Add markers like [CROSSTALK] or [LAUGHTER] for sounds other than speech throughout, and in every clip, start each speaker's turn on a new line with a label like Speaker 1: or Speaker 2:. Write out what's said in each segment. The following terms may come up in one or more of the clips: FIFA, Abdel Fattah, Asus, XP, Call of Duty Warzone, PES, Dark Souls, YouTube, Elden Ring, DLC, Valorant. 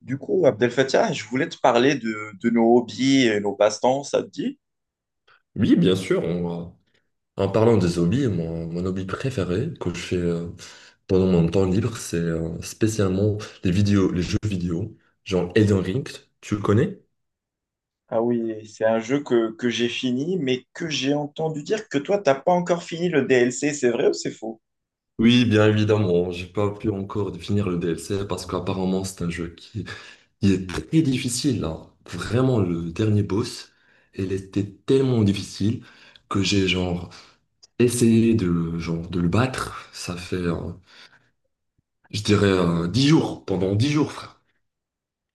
Speaker 1: Du coup, Abdel Fattah, je voulais te parler de nos hobbies et nos passe-temps, ça te dit?
Speaker 2: Oui, bien sûr. En parlant des hobbies, mon hobby préféré que je fais pendant mon temps libre, c'est spécialement les vidéos, les jeux vidéo, genre Elden Ring, tu le connais?
Speaker 1: Ah oui, c'est un jeu que j'ai fini, mais que j'ai entendu dire que toi, t'as pas encore fini le DLC. C'est vrai ou c'est faux?
Speaker 2: Oui, bien évidemment. J'ai pas pu encore définir le DLC parce qu'apparemment c'est un jeu qui est très difficile, hein. Vraiment, le dernier boss, il était tellement difficile que j'ai genre essayé genre, de le battre. Ça fait, je dirais, 10 jours, pendant 10 jours, frère.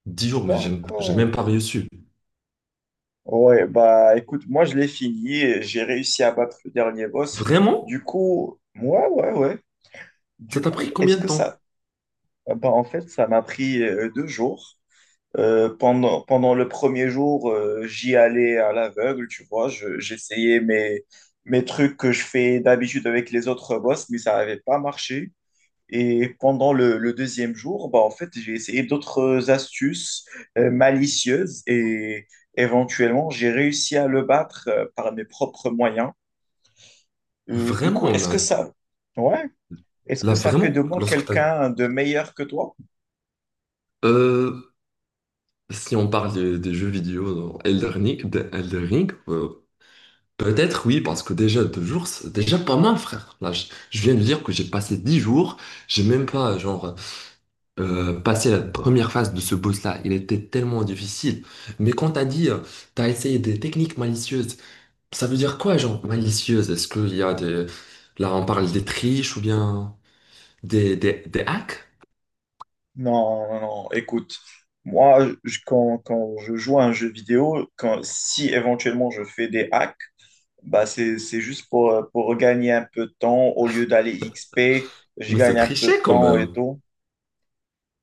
Speaker 2: Dix jours, mais j'ai même
Speaker 1: D'accord.
Speaker 2: pas reçu.
Speaker 1: Ouais, bah écoute, moi je l'ai fini, et j'ai réussi à battre le dernier boss.
Speaker 2: Vraiment?
Speaker 1: Du coup, ouais, ouais, ouais.
Speaker 2: Ça
Speaker 1: Du
Speaker 2: t'a pris
Speaker 1: coup, est-ce
Speaker 2: combien de
Speaker 1: que
Speaker 2: temps?
Speaker 1: ça... Bah en fait, ça m'a pris deux jours. Pendant le premier jour, j'y allais à l'aveugle, tu vois. J'essayais mes, mes trucs que je fais d'habitude avec les autres boss, mais ça n'avait pas marché. Et pendant le deuxième jour, bah, en fait, j'ai essayé d'autres astuces malicieuses et éventuellement, j'ai réussi à le battre par mes propres moyens. Du coup,
Speaker 2: Vraiment,
Speaker 1: est-ce
Speaker 2: là,
Speaker 1: que ça, ouais, est-ce
Speaker 2: là,
Speaker 1: que ça fait de
Speaker 2: vraiment,
Speaker 1: moi
Speaker 2: lorsque t'as...
Speaker 1: quelqu'un de meilleur que toi?
Speaker 2: Euh, Si on parle des jeux vidéo dans Elden Ring, Elden Ring, peut-être oui, parce que déjà deux jours, c'est déjà pas mal, frère. Là, je viens de dire que j'ai passé 10 jours, j'ai même pas, genre, passé la première phase de ce boss-là. Il était tellement difficile. Mais quand t'as dit, t'as essayé des techniques malicieuses. Ça veut dire quoi, genre malicieuse? Est-ce qu'il y a des... Là, on parle des triches ou bien des hacks?
Speaker 1: Non, non, non. Écoute, moi, quand, quand je joue à un jeu vidéo, quand, si éventuellement je fais des hacks, bah c'est juste pour gagner un peu de temps. Au lieu d'aller XP, je
Speaker 2: Mais c'est
Speaker 1: gagne un peu
Speaker 2: tricher
Speaker 1: de
Speaker 2: quand
Speaker 1: temps et
Speaker 2: même.
Speaker 1: tout.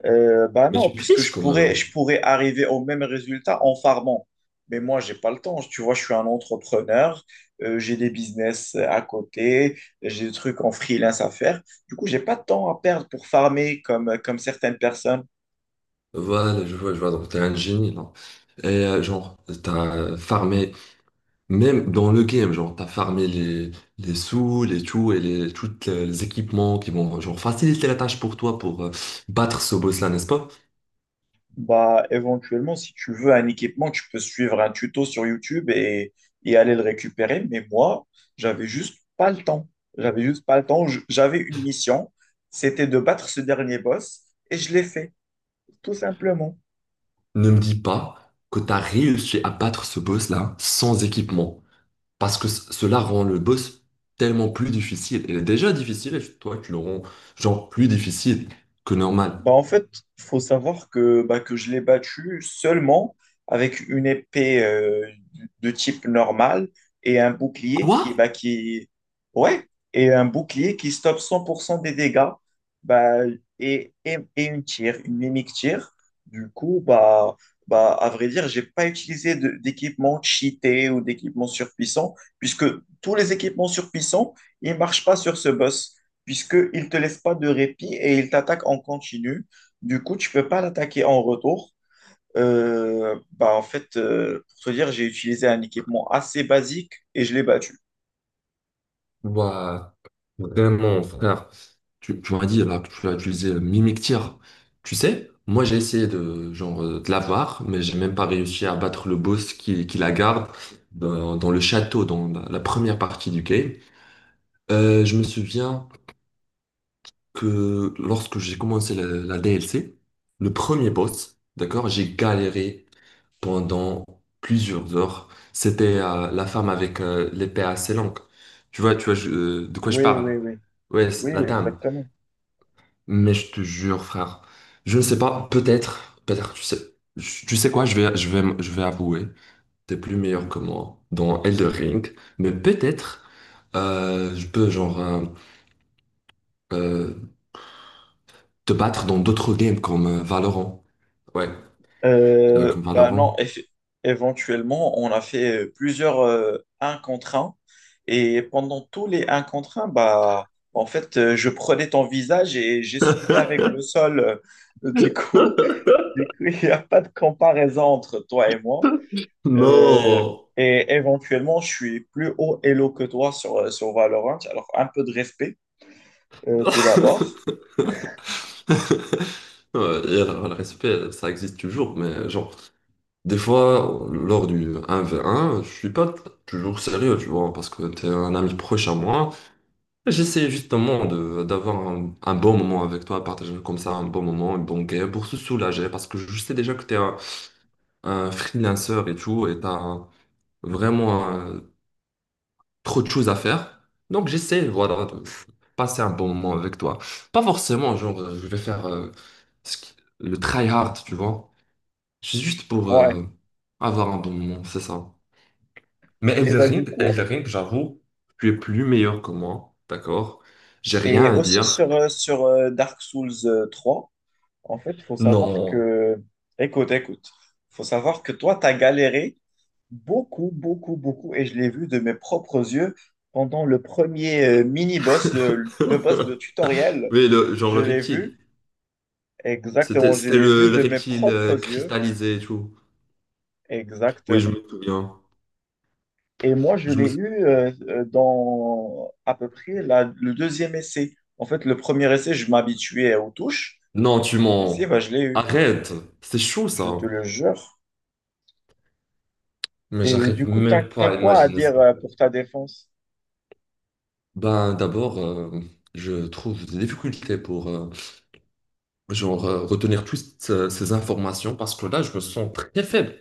Speaker 1: Bah
Speaker 2: Mais
Speaker 1: non,
Speaker 2: tu
Speaker 1: puisque
Speaker 2: triches
Speaker 1: je
Speaker 2: quand
Speaker 1: pourrais,
Speaker 2: même.
Speaker 1: je pourrais arriver au même résultat en farmant. Mais moi, j'ai pas le temps. Tu vois, je suis un entrepreneur, j'ai des business à côté, j'ai des trucs en freelance à faire. Du coup, j'ai pas de temps à perdre pour farmer comme certaines personnes.
Speaker 2: Voilà, je vois, je vois. Donc, t'es un génie, non? Et genre, t'as farmé, même dans le game, genre, t'as farmé les sous, les tout et les, tous les équipements qui vont, genre, faciliter la tâche pour toi pour battre ce boss-là, n'est-ce pas?
Speaker 1: Bah, éventuellement, si tu veux un équipement, tu peux suivre un tuto sur YouTube et aller le récupérer. Mais moi, j'avais juste pas le temps. J'avais juste pas le temps. J'avais une mission, c'était de battre ce dernier boss et je l'ai fait, tout simplement.
Speaker 2: Ne me dis pas que t'as réussi à battre ce boss-là sans équipement. Parce que cela rend le boss tellement plus difficile. Il est déjà difficile et toi, tu le rends genre plus difficile que normal.
Speaker 1: Bah, en fait, il faut savoir que, bah, que je l'ai battu seulement avec une épée de type normal et un bouclier
Speaker 2: Quoi?
Speaker 1: qui, bah, qui... Ouais, et un bouclier qui stoppe 100% des dégâts bah, et une tire, une mimic tire. Du coup, bah, bah, à vrai dire, j'ai pas utilisé d'équipement cheaté ou d'équipement surpuissant puisque tous les équipements surpuissants, ils marchent pas sur ce boss puisqu'il ne te laisse pas de répit et il t'attaque en continu. Du coup, tu ne peux pas l'attaquer en retour. Bah, en fait, pour te dire, j'ai utilisé un équipement assez basique et je l'ai battu.
Speaker 2: Bah vraiment, frère. Tu m'as dit là que tu as utilisé le mimictir. Tu sais, moi j'ai essayé de genre de l'avoir, mais j'ai même pas réussi à battre le boss qui la garde dans, dans le château, dans la, la première partie du game. Je me souviens que lorsque j'ai commencé la, la DLC, le premier boss, d'accord, j'ai galéré pendant plusieurs heures. C'était la femme avec l'épée assez longue. Tu vois de quoi je
Speaker 1: Oui,
Speaker 2: parle?
Speaker 1: oui, oui.
Speaker 2: Ouais,
Speaker 1: Oui,
Speaker 2: c'est la
Speaker 1: oui,
Speaker 2: dame.
Speaker 1: exactement.
Speaker 2: Mais je te jure, frère, je ne sais pas, peut-être, peut-être, tu sais, tu sais quoi, je vais, je vais, je vais avouer, t'es plus meilleur que moi dans Elder Ring, mais peut-être, je peux, genre, euh, te battre dans d'autres games comme Valorant. Ouais, comme
Speaker 1: Bah non,
Speaker 2: Valorant.
Speaker 1: éventuellement, on a fait plusieurs un contre un. Et pendant tous les un contre un bah, en fait, je prenais ton visage et j'essuyais avec le sol. Euh, Du coup, Du coup, [LAUGHS] il n'y a pas de comparaison entre toi et moi. Euh,
Speaker 2: Non!
Speaker 1: et éventuellement, je suis plus haut elo que toi sur Valorant. Alors, un peu de respect, tout d'abord.
Speaker 2: [LAUGHS] Ouais, et alors, le respect, ça existe toujours, mais genre, des fois, lors du un v un je suis pas toujours sérieux, tu vois, parce que t'es un ami proche à moi. Et j'essaie justement de d'avoir un bon moment avec toi, partager comme ça un bon moment, une bonne game, pour se soulager, parce que je sais déjà que t'es un freelancer et tout, et t'as vraiment trop de choses à faire. Donc j'essaie, voilà, de passer un bon moment avec toi. Pas forcément, genre, je vais faire le try hard, tu vois. C'est juste pour
Speaker 1: Ouais.
Speaker 2: avoir un bon moment, c'est ça. Mais
Speaker 1: Et
Speaker 2: Elden
Speaker 1: bah, du
Speaker 2: Ring,
Speaker 1: coup,
Speaker 2: Elden Ring, j'avoue, tu es plus meilleur que moi, d'accord? J'ai
Speaker 1: et
Speaker 2: rien à
Speaker 1: aussi
Speaker 2: dire.
Speaker 1: sur, sur Dark Souls 3, en fait, il faut savoir
Speaker 2: Non.
Speaker 1: que. Écoute, écoute. Il faut savoir que toi, tu as galéré beaucoup, beaucoup, beaucoup. Et je l'ai vu de mes propres yeux pendant le premier mini-boss, le boss de
Speaker 2: [LAUGHS]
Speaker 1: tutoriel.
Speaker 2: Oui, le, genre
Speaker 1: Je
Speaker 2: le
Speaker 1: l'ai vu.
Speaker 2: reptile. C'était,
Speaker 1: Exactement, je
Speaker 2: c'était
Speaker 1: l'ai vu
Speaker 2: le
Speaker 1: de mes
Speaker 2: reptile
Speaker 1: propres yeux,
Speaker 2: cristallisé et tout. Oui, je
Speaker 1: exactement.
Speaker 2: me souviens.
Speaker 1: Et moi, je
Speaker 2: Je
Speaker 1: l'ai
Speaker 2: me sou-
Speaker 1: eu dans à peu près le deuxième essai. En fait, le premier essai, je m'habituais aux touches. Et
Speaker 2: Non, tu
Speaker 1: le deuxième essai,
Speaker 2: mens.
Speaker 1: bah, je l'ai eu,
Speaker 2: Arrête. C'est chaud,
Speaker 1: je te
Speaker 2: ça.
Speaker 1: le jure.
Speaker 2: Mais
Speaker 1: Et du
Speaker 2: j'arrive
Speaker 1: coup, t'as,
Speaker 2: même
Speaker 1: t'as
Speaker 2: pas à
Speaker 1: quoi à
Speaker 2: imaginer
Speaker 1: dire
Speaker 2: ça.
Speaker 1: pour ta défense?
Speaker 2: Ben, d'abord, je trouve des difficultés pour genre retenir toutes ces informations parce que là, je me sens très faible.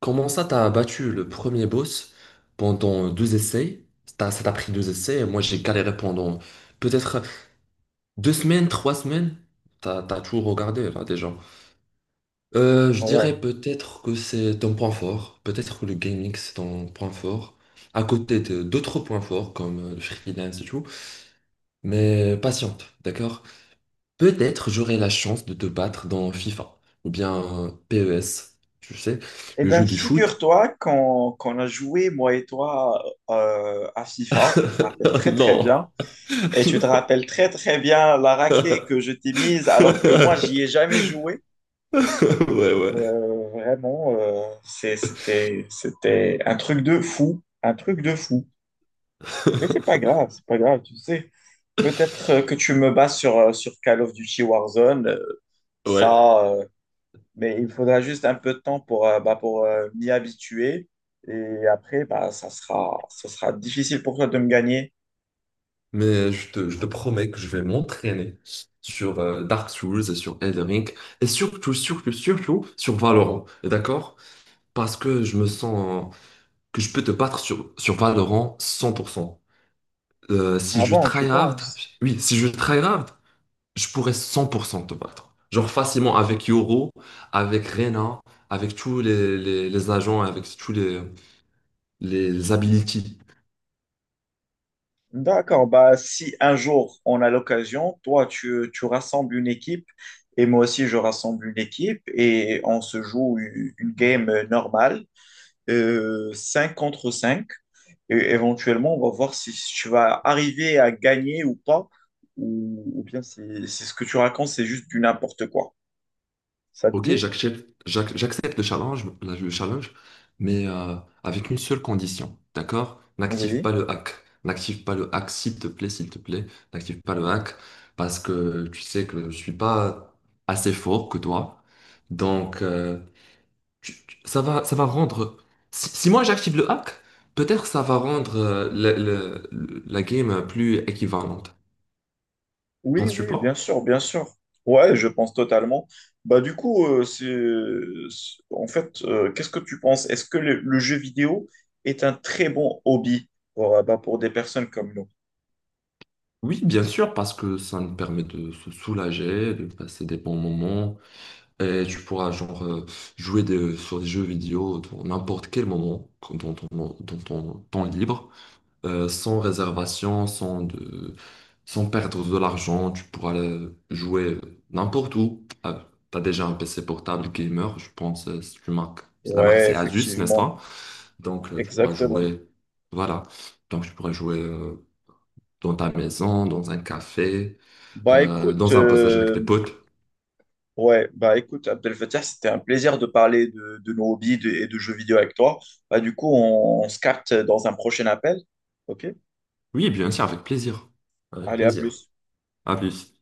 Speaker 2: Comment ça, t'as battu le premier boss pendant deux essais? Ça t'a pris deux essais et moi, j'ai galéré pendant peut-être deux semaines, trois semaines. T'as, t'as tout regardé là déjà. Je
Speaker 1: Ouais.
Speaker 2: dirais peut-être que c'est ton point fort. Peut-être que le gaming, c'est ton point fort. À côté de d'autres points forts comme le freelance et tout. Mais patiente, d'accord? Peut-être j'aurai la chance de te battre dans FIFA ou bien PES, tu sais,
Speaker 1: Eh
Speaker 2: le
Speaker 1: bien,
Speaker 2: jeu du foot.
Speaker 1: figure-toi qu'on a joué, moi et toi, à FIFA, tu te rappelles
Speaker 2: [LAUGHS]
Speaker 1: très très
Speaker 2: Non.
Speaker 1: bien. Et tu te rappelles très très bien la raclée que je t'ai mise alors que moi, j'y ai
Speaker 2: [LAUGHS]
Speaker 1: jamais joué.
Speaker 2: Ouais, ouais.
Speaker 1: Vraiment, c'était, c'était un truc de fou, un truc de fou. Mais c'est pas grave, tu sais. Peut-être que tu me bats sur, sur Call of Duty Warzone,
Speaker 2: Ouais.
Speaker 1: ça, mais il faudra juste un peu de temps pour, bah, pour m'y habituer. Et après, bah, ça sera difficile pour toi de me gagner.
Speaker 2: Mais je te promets que je vais m'entraîner sur Dark Souls et sur Elden Ring et surtout, surtout, surtout sur Valorant. D'accord? Parce que je me sens que je peux te battre sur, sur Valorant 100%. Si je
Speaker 1: Avant, tu
Speaker 2: tryhard,
Speaker 1: penses?
Speaker 2: oui, si je tryhard, je pourrais 100% te battre. Genre facilement avec Yoro, avec Rena, avec tous les agents, avec tous les abilities.
Speaker 1: D'accord, bah, si un jour on a l'occasion, toi tu, tu rassembles une équipe et moi aussi je rassemble une équipe et on se joue une game normale, 5 contre cinq. Et éventuellement, on va voir si tu vas arriver à gagner ou pas, ou bien si, si ce que tu racontes c'est juste du n'importe quoi. Ça te
Speaker 2: Ok,
Speaker 1: dit?
Speaker 2: j'accepte le challenge, le challenge, mais avec une seule condition, d'accord? N'active
Speaker 1: Oui.
Speaker 2: pas le hack. N'active pas le hack, s'il te plaît, s'il te plaît. N'active pas le hack, parce que tu sais que je suis pas assez fort que toi. Donc, ça va rendre. Si, si moi j'active le hack, peut-être ça va rendre la game plus équivalente.
Speaker 1: Oui,
Speaker 2: Penses-tu
Speaker 1: oui, bien
Speaker 2: pas?
Speaker 1: sûr, bien sûr. Ouais, je pense totalement. Bah du coup, c'est, en fait, qu'est-ce que tu penses? Est-ce que le jeu vidéo est un très bon hobby pour, bah, pour des personnes comme nous?
Speaker 2: Oui, bien sûr, parce que ça nous permet de se soulager, de passer des bons moments, et tu pourras genre jouer sur des jeux vidéo dans n'importe quel moment, dans ton, dans ton temps libre. Sans réservation, sans, de, sans perdre de l'argent. Tu pourras jouer n'importe où. Ah, t'as déjà un PC portable gamer, je pense, c'est une marque. La marque,
Speaker 1: Ouais,
Speaker 2: c'est Asus, n'est-ce
Speaker 1: effectivement,
Speaker 2: pas? Donc, tu pourras
Speaker 1: exactement.
Speaker 2: jouer. Voilà. Donc, tu pourras jouer dans ta maison, dans un café,
Speaker 1: Bah écoute,
Speaker 2: dans un passage avec tes potes.
Speaker 1: ouais, bah écoute, Abdel Fattah, c'était un plaisir de parler de nos hobbies et de jeux vidéo avec toi. Bah du coup, on se capte dans un prochain appel. Ok?
Speaker 2: Oui, bien sûr, avec plaisir. Avec
Speaker 1: Allez, à
Speaker 2: plaisir.
Speaker 1: plus.
Speaker 2: À plus.